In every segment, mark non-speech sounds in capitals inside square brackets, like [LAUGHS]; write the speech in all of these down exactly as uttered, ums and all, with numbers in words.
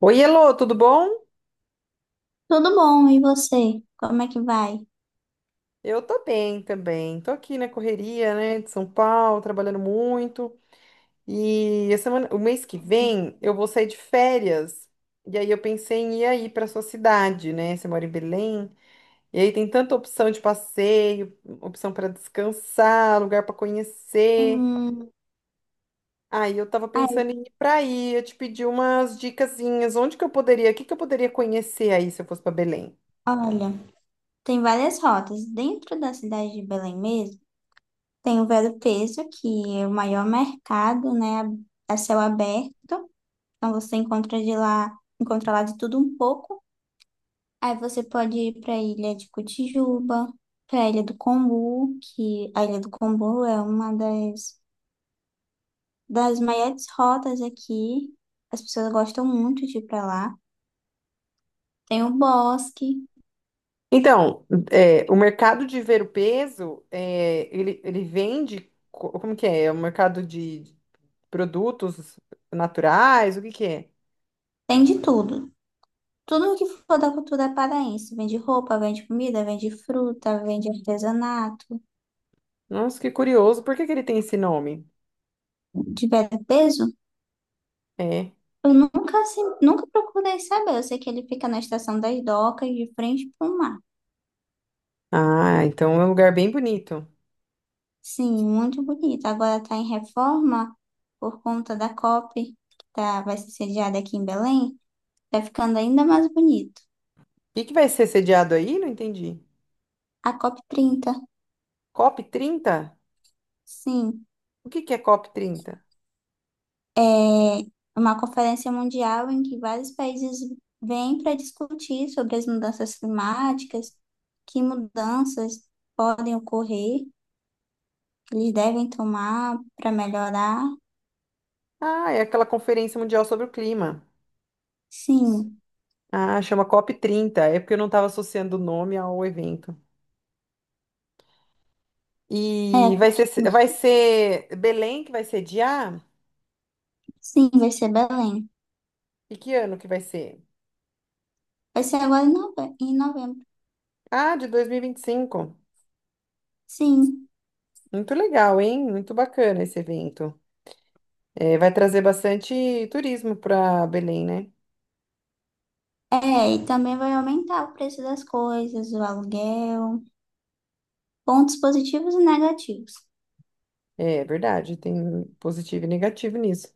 Oi, Elô, tudo bom? Tudo bom, e você? Como é que vai? Eu tô bem também. Tô aqui na correria, né, de São Paulo, trabalhando muito. E a semana, o mês que vem eu vou sair de férias. E aí eu pensei em ir aí para sua cidade, né? Você mora em Belém. E aí tem tanta opção de passeio, opção para descansar, lugar para Tem conhecer. um... Aí eu tava Ai, pensando em ir para aí, eu te pedi umas dicasinhas, onde que eu poderia, o que que eu poderia conhecer aí se eu fosse para Belém? olha, tem várias rotas. Dentro da cidade de Belém mesmo, tem o Vero Peso, que é o maior mercado, né, a céu aberto. Então você encontra de lá, encontra lá de tudo um pouco. Aí você pode ir para a Ilha de Cotijuba, para a Ilha do Combu, que a Ilha do Combu é uma das, das maiores rotas aqui. As pessoas gostam muito de ir para lá. Tem o Bosque. Então, é, o mercado de ver o peso, é, ele, ele vende, co- como que é? É um mercado de produtos naturais, o que que é? Tem de tudo. Tudo que for da cultura paraense. Vende roupa, vende comida, vende fruta, vende artesanato, Nossa, que curioso, por que que ele tem esse nome? de peso. É. Eu nunca, assim, nunca procurei saber. Eu sei que ele fica na Estação das Docas, de frente para o mar. Ah, então é um lugar bem bonito. O Sim, muito bonito. Agora está em reforma por conta da C O P, que tá, vai ser sediada aqui em Belém. Está ficando ainda mais bonito. que que vai ser sediado aí? Não entendi. A C O P trinta, COP trinta. sim. O que que é COP trinta? É uma conferência mundial em que vários países vêm para discutir sobre as mudanças climáticas, que mudanças podem ocorrer, que eles devem tomar para melhorar. Ah, é aquela Conferência Mundial sobre o Clima. Sim, Ah, chama COP trinta. É porque eu não estava associando o nome ao evento. E é, vai ser, vai ser Belém que vai sediar? sim, vai ser Belém. E que ano que vai ser? Vai ser agora em nove- em novembro. Ah, de dois mil e e vinte e cinco. Sim, Muito legal, hein? Muito bacana esse evento. É, vai trazer bastante turismo para Belém, né? é, e também vai aumentar o preço das coisas, o aluguel, pontos positivos e negativos. É verdade, tem positivo e negativo nisso.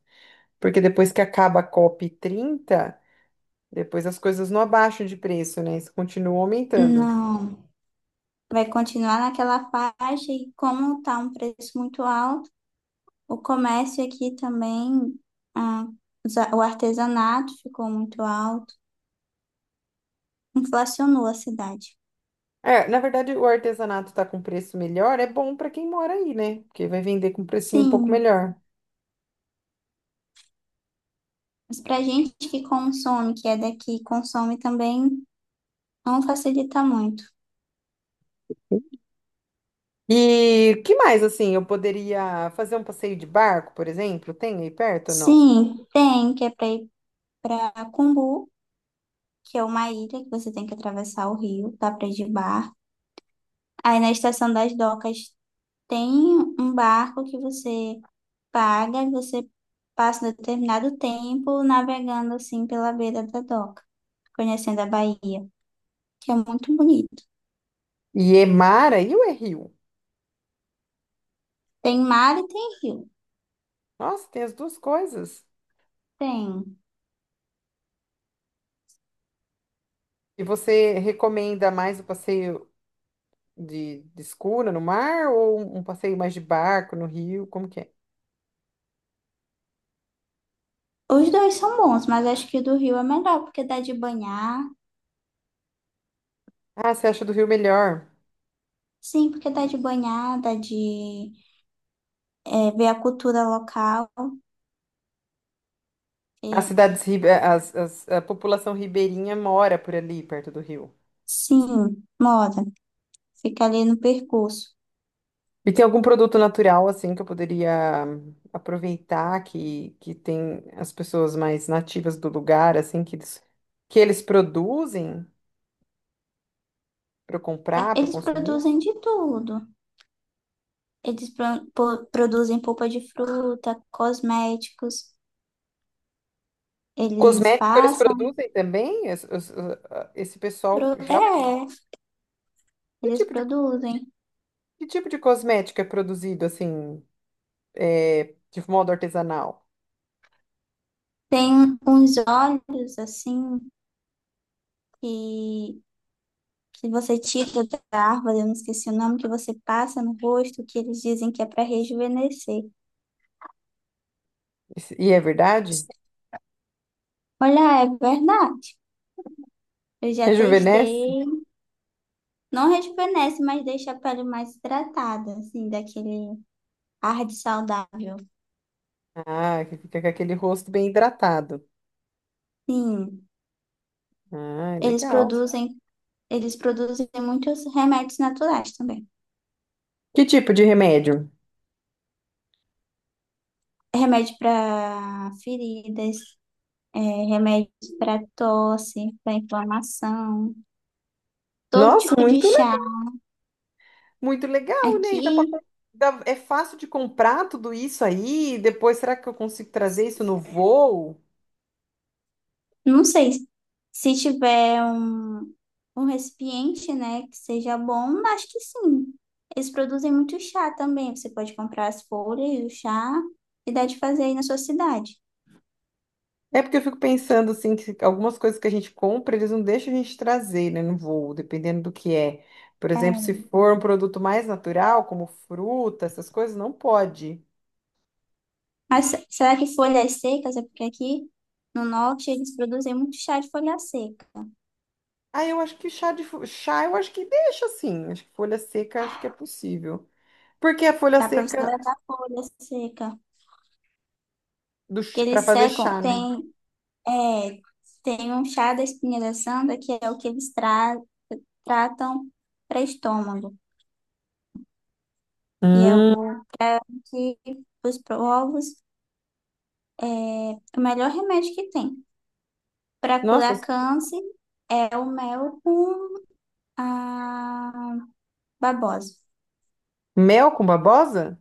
Porque depois que acaba a COP trinta, depois as coisas não abaixam de preço, né? Isso continua aumentando. Não, vai continuar naquela faixa, e como está um preço muito alto, o comércio aqui também, ah, os a- o artesanato ficou muito alto, inflacionou a cidade. É, na verdade, o artesanato tá com preço melhor, é bom para quem mora aí, né? Porque vai vender com precinho um pouco Sim, melhor. mas para gente que consome, que é daqui, consome também, não facilita muito. E o que mais, assim, eu poderia fazer um passeio de barco, por exemplo? Tem aí perto ou não? Sim, tem, que é para ir para Cumbu, que é uma ilha que você tem que atravessar o rio, dá para ir de barco. Aí na Estação das Docas tem um barco que você paga e você passa um determinado tempo navegando assim pela beira da doca, conhecendo a Bahia, que é muito bonito. E é mar aí ou é rio? Tem mar e tem rio. Nossa, tem as duas coisas. Tem. E você recomenda mais o passeio de, de escuna no mar ou um um passeio mais de barco no rio? Como que é? Os dois são bons, mas acho que o do rio é melhor, porque dá de banhar. Ah, você acha do rio melhor? Sim, porque dá de banhar, dá de é, ver a cultura local. As E cidades, ribe- as, as- a população ribeirinha mora por ali, perto do rio. sim, moda. Fica ali no percurso. E tem algum produto natural, assim, que eu poderia aproveitar, que, que tem as pessoas mais nativas do lugar, assim, que eles, que eles produzem para eu comprar, para eu Eles consumir? produzem de tudo. Eles pro- po- produzem polpa de fruta, cosméticos. Eles Cosmético eles passam, produzem também? Es- os- ah, Esse pessoal pro- já... é, Que eles tipo de, produzem. que tipo de cosmético é produzido, assim, é, de modo artesanal? Tem uns olhos assim que, que você tira da árvore, eu não esqueci o nome, que você passa no rosto, que eles dizem que é para rejuvenescer. Isso- E é verdade? Olha, é verdade. Eu [LAUGHS] já Rejuvenesce? testei. Não rejuvenesce, mas deixa a pele mais hidratada, assim, daquele ar de saudável. Ah, que fica com aquele rosto bem hidratado. Sim, Ah, eles legal. produzem, eles produzem muitos remédios naturais também. Que tipo de remédio? Remédio para feridas, é, remédios para tosse, para inflamação, todo Nossa, tipo de muito chá. Muito legal, né? E dá pra, Aqui, com- dá- é fácil de comprar tudo isso aí. E depois, será que eu consigo trazer isso no voo? não sei se tiver um, um recipiente, né, que seja bom, acho que sim. Eles produzem muito chá também. Você pode comprar as folhas, o chá, e dá de fazer aí na sua cidade. É porque eu fico pensando assim, que algumas coisas que a gente compra, eles não deixam a gente trazer, né, no voo, dependendo do que é. Por exemplo, se É, for um produto mais natural, como fruta, essas coisas, não pode. mas se- será que folhas secas? É porque aqui no norte eles produzem muito chá de folha seca. Ah, eu acho que chá de fo- chá, eu acho que deixa assim. Acho que folha seca, acho que é possível. Porque a folha Dá para você seca levar folha seca. do Que para eles fazer secam, chá, né? tem, é, tem um chá da espinha da santa que é o que eles tra- tratam para estômago. E é o Hum. pra- que os povos é o melhor remédio que tem. Para Nossa, curar câncer é o mel com a babosa. mel com babosa?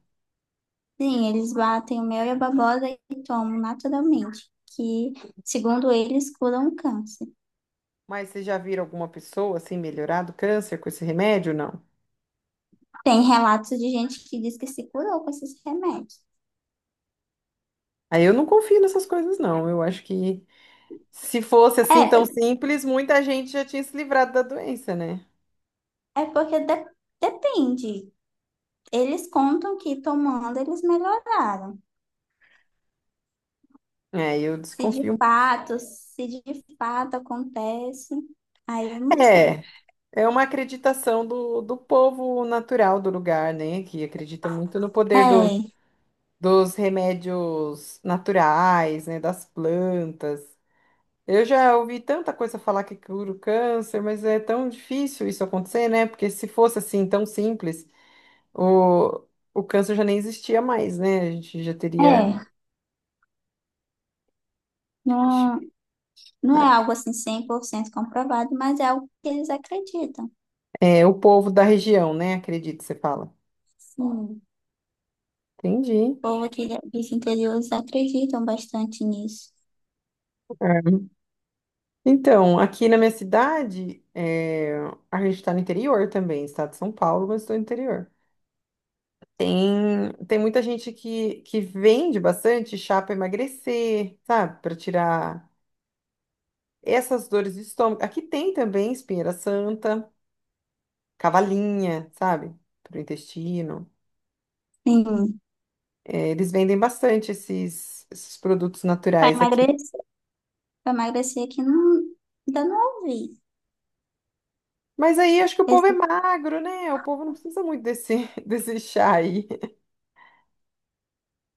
Sim, eles batem o mel e a babosa e tomam naturalmente, que segundo eles curam o câncer. Mas vocês já viram alguma pessoa assim melhorar do câncer com esse remédio? Não. Tem relatos de gente que diz que se curou com esses remédios. Aí eu não confio nessas coisas, não. Eu acho que se fosse assim tão É, simples, muita gente já tinha se livrado da doença, né? é porque de- depende. Eles contam que tomando eles melhoraram. É, eu Se de desconfio. fato, se de fato acontece, aí eu não sei. É, é uma acreditação do, do povo natural do lugar, né? Que acredita muito no poder dos É, dos remédios naturais, né? Das plantas. Eu já ouvi tanta coisa falar que cura o câncer, mas é tão difícil isso acontecer, né? Porque se fosse assim tão simples. O, o câncer já nem existia mais, né? A gente já teria. é. Não, não é algo assim cem por cento comprovado, mas é algo que eles acreditam. É, é, o povo da região, né? Acredito, você fala. Sim. O Entendi. povo aqui dos interiores acreditam bastante nisso. É. Então, aqui na minha cidade, é, a gente está no interior também, estado de São Paulo, mas estou no interior. Tem, tem muita gente que, que vende bastante chá para emagrecer, sabe? Para tirar essas dores de estômago. Aqui tem também espinheira santa, cavalinha, sabe? Para o intestino. Sim. É, eles vendem bastante esses, esses produtos Para naturais aqui. emagrecer, para emagrecer aqui não, ainda não ouvi. Mas aí acho que o povo é Esse- magro, né? O povo não precisa muito desse, [LAUGHS] desse chá aí.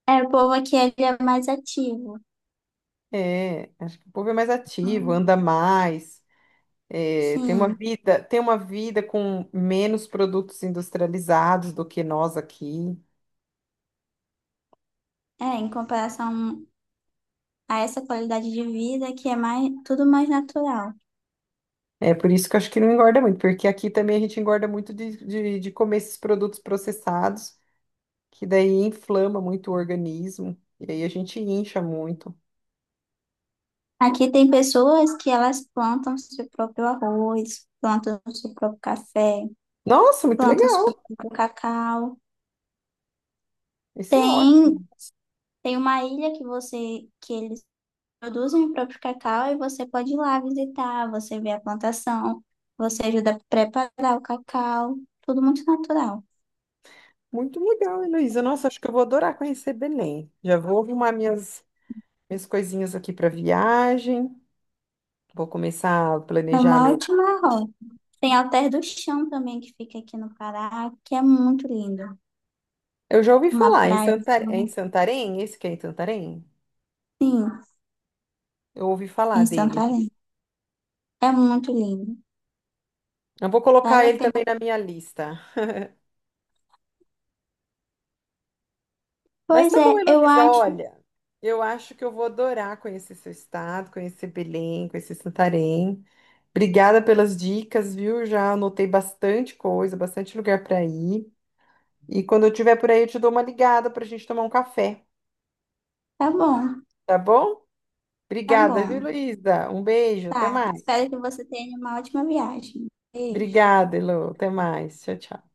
é, o povo aqui é, ele é mais ativo. É, acho que o povo é mais ativo, Hum, anda mais, é, tem uma Sim. vida, tem uma vida com menos produtos industrializados do que nós aqui. É, em comparação a essa qualidade de vida que é mais, tudo mais natural. É por isso que eu acho que não engorda muito, porque aqui também a gente engorda muito de, de, de comer esses produtos processados, que daí inflama muito o organismo, e aí a gente incha muito. Aqui tem pessoas que elas plantam seu próprio arroz, plantam seu próprio café, Nossa, muito plantam seu legal! próprio cacau. Isso é Tem, ótimo. tem uma ilha que você que eles produzem o próprio cacau e você pode ir lá visitar, você vê a plantação, você ajuda a preparar o cacau, tudo muito natural. Muito legal, Heloísa. Nossa, acho que eu vou adorar conhecer Belém. Já vou arrumar minhas, minhas coisinhas aqui para viagem. Vou começar a É planejar uma meu. ótima rota. Tem Alter do Chão também que fica aqui no Pará, que é muito lindo. Eu já ouvi Uma falar em praia Santarém. É em assim, Santarém? Esse que é em Santarém? sim, Eu ouvi falar em dele. Santarém. É muito lindo. Eu vou colocar Vale a ele pena. também na minha lista. Mas Pois tá é, bom, eu Heloísa, acho. olha. Eu acho que eu vou adorar conhecer seu estado, conhecer Belém, conhecer Santarém. Obrigada pelas dicas, viu? Já anotei bastante coisa, bastante lugar para ir. E quando eu estiver por aí, eu te dou uma ligada para a gente tomar um café, Tá bom, tá bom? tá Obrigada, viu, bom. Luísa? Um beijo, até Tá. mais. Espero que você tenha uma ótima viagem. Beijo. Obrigada, Elô, até mais. Tchau, tchau.